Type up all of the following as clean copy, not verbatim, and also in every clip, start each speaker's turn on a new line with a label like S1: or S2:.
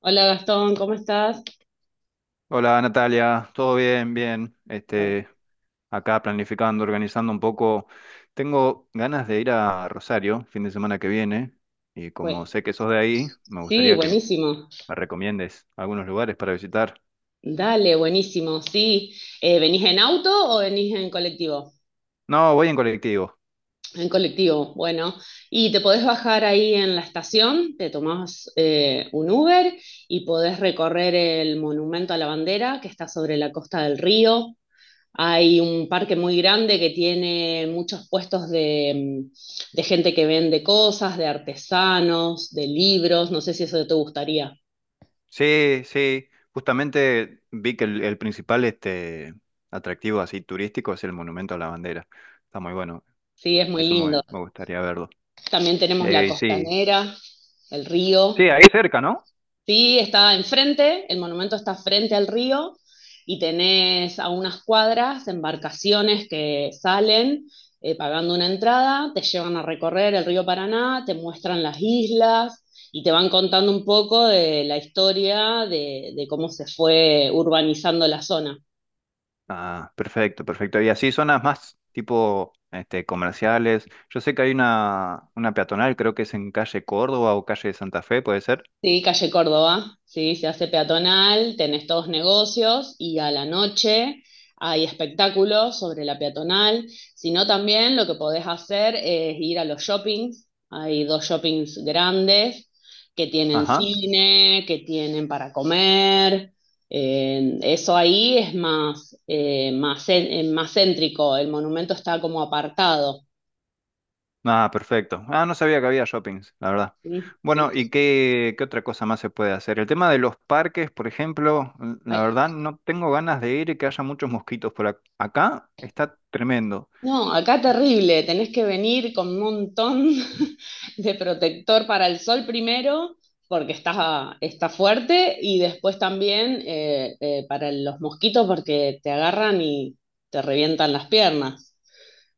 S1: Hola Gastón, ¿cómo estás?
S2: Hola Natalia, todo bien, bien.
S1: Bueno,
S2: Acá planificando, organizando un poco. Tengo ganas de ir a Rosario fin de semana que viene y como
S1: bue-
S2: sé que sos de ahí, me
S1: sí,
S2: gustaría que me
S1: buenísimo.
S2: recomiendes algunos lugares para visitar.
S1: Dale, buenísimo. Sí, ¿venís en auto o venís en colectivo?
S2: No, voy en colectivo.
S1: En colectivo, bueno. Y te podés bajar ahí en la estación, te tomás un Uber y podés recorrer el Monumento a la Bandera que está sobre la costa del río. Hay un parque muy grande que tiene muchos puestos de gente que vende cosas, de artesanos, de libros. No sé si eso te gustaría.
S2: Sí, sí. Justamente vi que el principal atractivo así turístico es el Monumento a la Bandera. Está muy bueno.
S1: Sí, es muy
S2: Eso
S1: lindo.
S2: me gustaría verlo.
S1: También tenemos la
S2: Sí,
S1: costanera, el río.
S2: sí, ahí cerca, ¿no?
S1: Sí, está enfrente, el monumento está frente al río y tenés a unas cuadras embarcaciones que salen pagando una entrada, te llevan a recorrer el río Paraná, te muestran las islas y te van contando un poco de la historia de cómo se fue urbanizando la zona.
S2: Ah, perfecto, perfecto. Y así zonas más tipo comerciales. Yo sé que hay una peatonal, creo que es en calle Córdoba o calle Santa Fe, ¿puede ser?
S1: Sí, calle Córdoba, sí, se hace peatonal, tenés todos negocios y a la noche hay espectáculos sobre la peatonal, sino también lo que podés hacer es ir a los shoppings, hay dos shoppings grandes que tienen
S2: Ajá.
S1: cine, que tienen para comer, eso ahí es más céntrico, el monumento está como apartado,
S2: Ah, perfecto. Ah, no sabía que había shoppings, la verdad.
S1: ¿sí? Sí,
S2: Bueno,
S1: sí.
S2: ¿ qué otra cosa más se puede hacer? El tema de los parques, por ejemplo, la verdad no tengo ganas de ir y que haya muchos mosquitos por acá. Está tremendo.
S1: No, acá terrible, tenés que venir con un montón de protector para el sol primero, porque está fuerte, y después también para los mosquitos, porque te agarran y te revientan las piernas.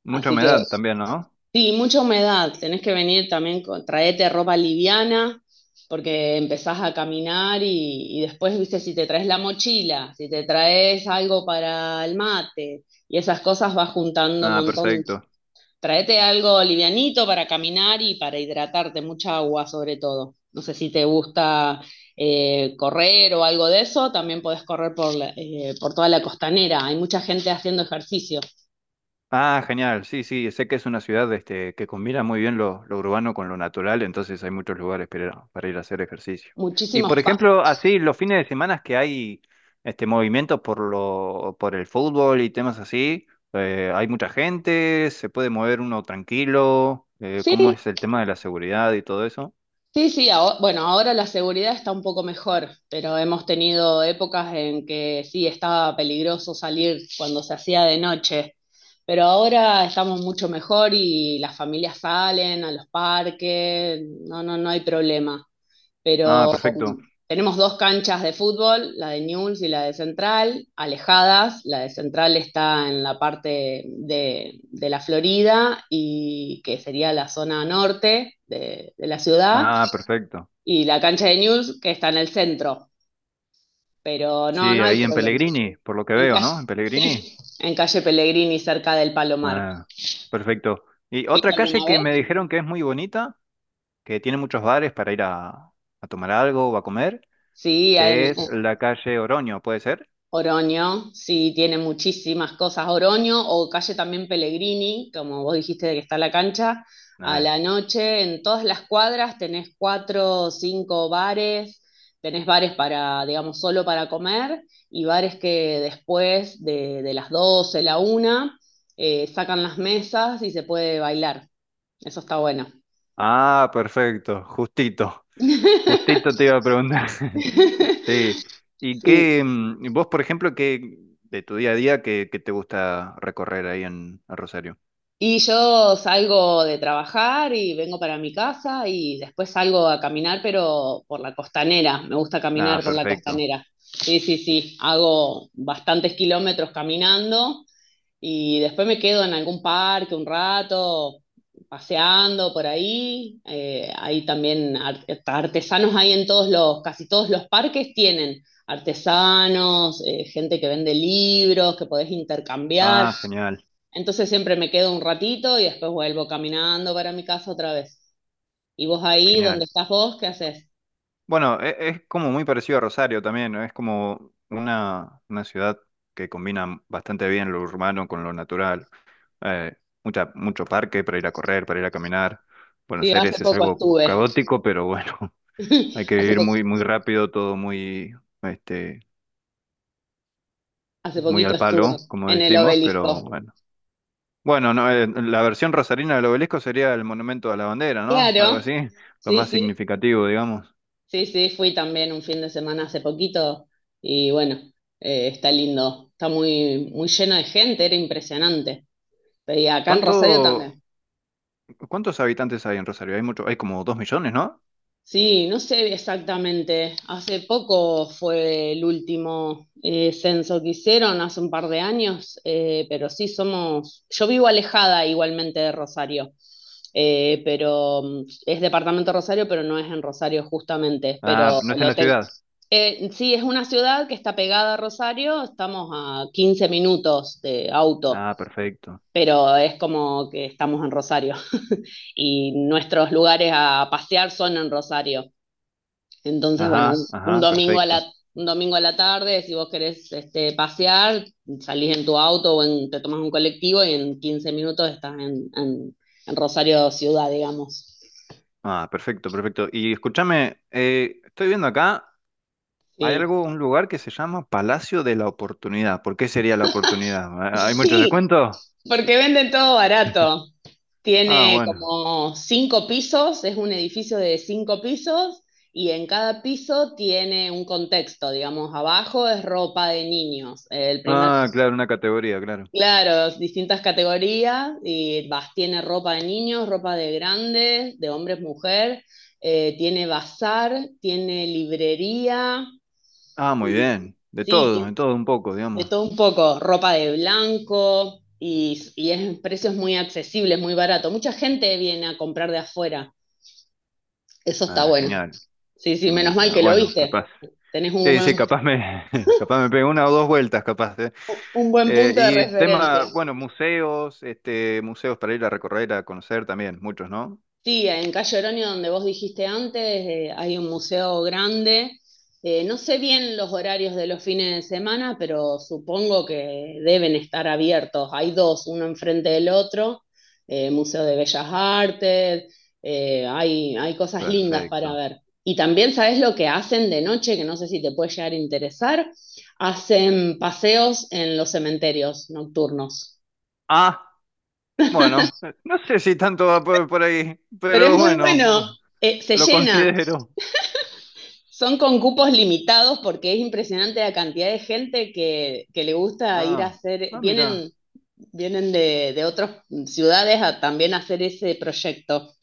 S2: Mucha
S1: Así que
S2: humedad también, ¿no?
S1: sí, mucha humedad, tenés que venir también, traete ropa liviana, porque empezás a caminar y después, viste, si te traes la mochila, si te traes algo para el mate y esas cosas vas juntando un
S2: Ah,
S1: montón.
S2: perfecto.
S1: Traete algo livianito para caminar y para hidratarte, mucha agua sobre todo. No sé si te gusta correr o algo de eso, también podés correr por toda la costanera. Hay mucha gente haciendo ejercicio.
S2: Ah, genial. Sí, sí, sé que es una ciudad que combina muy bien lo urbano con lo natural, entonces hay muchos lugares para ir a hacer ejercicio. Y por
S1: Muchísimos
S2: ejemplo, así los fines de semana que hay este movimientos por por el fútbol y temas así, hay mucha gente, se puede mover uno tranquilo,
S1: Sí,
S2: ¿cómo es el tema de la seguridad y todo eso?
S1: Sí, sí, bueno, ahora la seguridad está un poco mejor, pero hemos tenido épocas en que sí estaba peligroso salir cuando se hacía de noche, pero ahora estamos mucho mejor y las familias salen a los parques, no, no, no hay problema.
S2: Ah,
S1: Pero
S2: perfecto.
S1: tenemos dos canchas de fútbol, la de Newell's y la de Central, alejadas, la de Central está en la parte de la Florida y que sería la zona norte de la ciudad
S2: Ah, perfecto.
S1: y la cancha de News, que está en el centro. Pero no,
S2: Sí,
S1: no hay
S2: ahí en
S1: problema.
S2: Pellegrini, por lo que
S1: En
S2: veo,
S1: calle,
S2: ¿no? En Pellegrini.
S1: sí, en calle Pellegrini, cerca del Palomar.
S2: Ah, perfecto. Y
S1: ¿Fuiste
S2: otra calle
S1: alguna
S2: que me
S1: vez?
S2: dijeron que es muy bonita que tiene muchos bares para ir a tomar algo o a comer.
S1: Sí,
S2: Es la calle Oroño, ¿puede ser?
S1: Oroño, sí, tiene muchísimas cosas. Oroño o calle también Pellegrini, como vos dijiste de que está la cancha, a
S2: Eh.
S1: la noche en todas las cuadras tenés cuatro o cinco bares, tenés bares para, digamos, solo para comer y bares que después de las 12 la una, sacan las mesas y se puede bailar. Eso está bueno.
S2: Ah, perfecto, justito. Justito te iba a preguntar. Sí. ¿Y
S1: Sí,
S2: qué, mm, vos, por ejemplo, qué de tu día a día, qué te gusta recorrer ahí en Rosario?
S1: y yo salgo de trabajar y vengo para mi casa y después salgo a caminar, pero por la costanera. Me gusta
S2: Ah,
S1: caminar por la
S2: perfecto.
S1: costanera. Sí, sí, sí. Hago bastantes kilómetros caminando y después me quedo en algún parque un rato, paseando por ahí. Hay también artesanos ahí en casi todos los parques tienen artesanos, gente que vende libros, que podés intercambiar.
S2: Ah, genial,
S1: Entonces siempre me quedo un ratito y después vuelvo caminando para mi casa otra vez. ¿Y vos ahí, dónde
S2: genial.
S1: estás vos, qué haces?
S2: Bueno, es como muy parecido a Rosario también, ¿no? Es como una ciudad que combina bastante bien lo urbano con lo natural. eh, mucho parque para ir a correr, para ir a caminar.
S1: Sí,
S2: Buenos
S1: hace
S2: Aires es
S1: poco
S2: algo
S1: estuve.
S2: caótico, pero bueno, hay que
S1: Hace
S2: vivir
S1: po-
S2: muy rápido, todo muy, este,
S1: hace
S2: muy
S1: poquito
S2: al
S1: estuve
S2: palo, como
S1: en el
S2: decimos, pero
S1: obelisco.
S2: bueno. Bueno, no, la versión rosarina del obelisco sería el monumento a la bandera, ¿no? Algo
S1: Claro,
S2: así, lo
S1: sí,
S2: más
S1: sí.
S2: significativo, digamos.
S1: Sí, sí, fui también un fin de semana hace poquito y bueno, está lindo, está muy, muy lleno de gente, era impresionante. Y acá en Rosario
S2: ¿Cuánto,
S1: también.
S2: ¿cuántos habitantes hay en Rosario? Hay mucho, hay como dos millones, ¿no?
S1: Sí, no sé exactamente, hace poco fue el último censo que hicieron, hace un par de años, pero sí somos, yo vivo alejada igualmente de Rosario, pero es departamento Rosario, pero no es en Rosario justamente,
S2: Ah,
S1: pero
S2: no es en
S1: lo
S2: la
S1: tengo.
S2: ciudad.
S1: Sí, es una ciudad que está pegada a Rosario, estamos a 15 minutos de auto,
S2: Ah, perfecto.
S1: pero es como que estamos en Rosario y nuestros lugares a pasear son en Rosario. Entonces, bueno, un,
S2: Ajá,
S1: un
S2: ajá,
S1: domingo a la
S2: perfecto.
S1: tarde, si vos querés pasear, salís en tu auto o te tomas un colectivo y en 15 minutos estás en Rosario Ciudad, digamos.
S2: Ah, perfecto, perfecto. Y escúchame, estoy viendo acá, hay
S1: Sí.
S2: algo, un lugar que se llama Palacio de la Oportunidad. ¿Por qué sería la oportunidad? ¿Hay muchos
S1: Sí,
S2: descuentos?
S1: porque venden todo barato.
S2: Ah,
S1: Tiene
S2: bueno.
S1: como cinco pisos, es un edificio de cinco pisos y en cada piso tiene un contexto, digamos, abajo es ropa de niños,
S2: Ah, claro, una categoría, claro.
S1: claro, distintas categorías y vas, tiene ropa de niños, ropa de grandes, de hombres, mujer, tiene bazar, tiene librería,
S2: Ah, muy
S1: y,
S2: bien.
S1: sí,
S2: De
S1: tiene
S2: todo un poco,
S1: de
S2: digamos.
S1: todo un poco, ropa de blanco y es precios muy accesibles, muy barato. Mucha gente viene a comprar de afuera. Eso está
S2: Ah,
S1: bueno.
S2: genial,
S1: Sí, sí,
S2: genial,
S1: menos mal
S2: genial.
S1: que lo
S2: Bueno,
S1: viste.
S2: capaz.
S1: Tenés un
S2: Sí, sí, capaz me pego una o dos vueltas, capaz.
S1: un buen punto de
S2: Y tema,
S1: referencia.
S2: bueno, museos, museos para ir a recorrer, a conocer también, muchos, ¿no?
S1: Sí, en Calle Oroño, donde vos dijiste antes, hay un museo grande. No sé bien los horarios de los fines de semana, pero supongo que deben estar abiertos. Hay dos, uno enfrente del otro, Museo de Bellas Artes, hay cosas lindas para
S2: Perfecto.
S1: ver. Y también sabes lo que hacen de noche, que no sé si te puede llegar a interesar, hacen paseos en los cementerios nocturnos.
S2: Ah, bueno, no sé si tanto va por ahí,
S1: Pero es
S2: pero
S1: muy bueno,
S2: bueno,
S1: se
S2: lo
S1: llena.
S2: considero.
S1: Son con cupos limitados porque es impresionante la cantidad de gente que le gusta ir a
S2: Ah,
S1: hacer,
S2: ah, mira.
S1: vienen de otras ciudades a también hacer ese proyecto.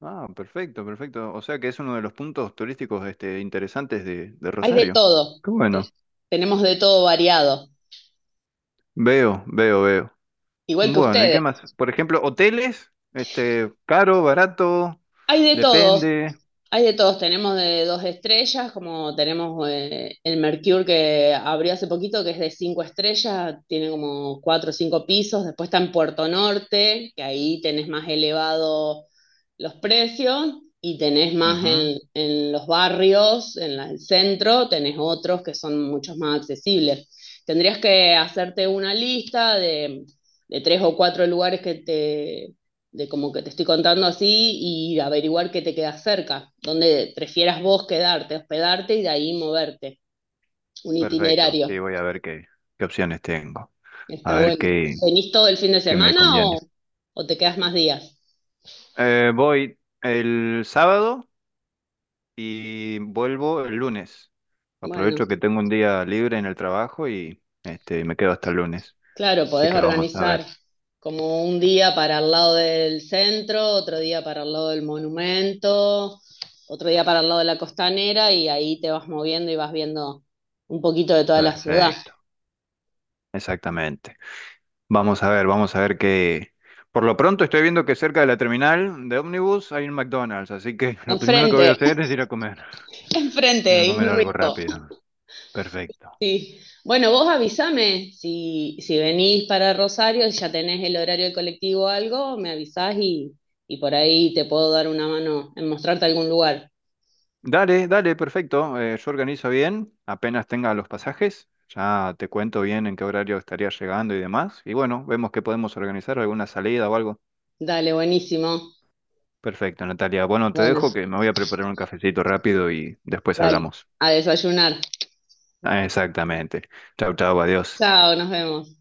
S2: Ah, perfecto, perfecto. O sea que es uno de los puntos turísticos interesantes de
S1: Hay de
S2: Rosario.
S1: todo,
S2: Qué
S1: eh,
S2: bueno.
S1: tenemos de todo variado,
S2: Veo, veo, veo.
S1: igual que
S2: Bueno, ¿y qué más?
S1: ustedes.
S2: Por ejemplo, hoteles, caro, barato,
S1: Hay de todo,
S2: depende.
S1: Hay de todos, tenemos de dos estrellas, como tenemos el Mercure que abrió hace poquito, que es de cinco estrellas, tiene como cuatro o cinco pisos, después está en Puerto Norte, que ahí tenés más elevado los precios, y tenés más
S2: Ujú.
S1: en los barrios, en el centro, tenés otros que son muchos más accesibles. Tendrías que hacerte una lista de tres o cuatro lugares de como que te estoy contando así y averiguar qué te queda cerca, dónde prefieras vos quedarte, hospedarte y de ahí moverte, un
S2: Perfecto.
S1: itinerario.
S2: Sí, voy a ver qué opciones tengo. A
S1: Está
S2: ver
S1: bueno. ¿Venís todo el fin de
S2: qué me
S1: semana
S2: conviene.
S1: o te quedas más días?
S2: Voy el sábado y vuelvo el lunes.
S1: Bueno,
S2: Aprovecho que tengo un día libre en el trabajo y me quedo hasta el lunes.
S1: claro,
S2: Así
S1: podés
S2: que vamos a
S1: organizar
S2: ver.
S1: como un día para el lado del centro, otro día para el lado del monumento, otro día para el lado de la costanera y ahí te vas moviendo y vas viendo un poquito de toda la ciudad.
S2: Perfecto. Exactamente. Vamos a ver qué... Por lo pronto estoy viendo que cerca de la terminal de ómnibus hay un McDonald's, así que lo primero que
S1: Enfrente,
S2: voy a hacer es ir a comer. Ir a
S1: enfrente, y
S2: comer
S1: muy
S2: algo rápido. Perfecto.
S1: sí, bueno, vos avísame si venís para Rosario, y ya tenés el horario del colectivo o algo, me avisás y por ahí te puedo dar una mano en mostrarte algún lugar.
S2: Dale, dale, perfecto. Yo organizo bien, apenas tenga los pasajes, ya te cuento bien en qué horario estaría llegando y demás. Y bueno, vemos que podemos organizar alguna salida o algo.
S1: Dale, buenísimo.
S2: Perfecto, Natalia. Bueno, te
S1: Bueno,
S2: dejo que me voy a preparar un cafecito rápido y después
S1: dale,
S2: hablamos.
S1: a desayunar.
S2: Ah, exactamente. Chau, chau, adiós.
S1: Chao, nos vemos.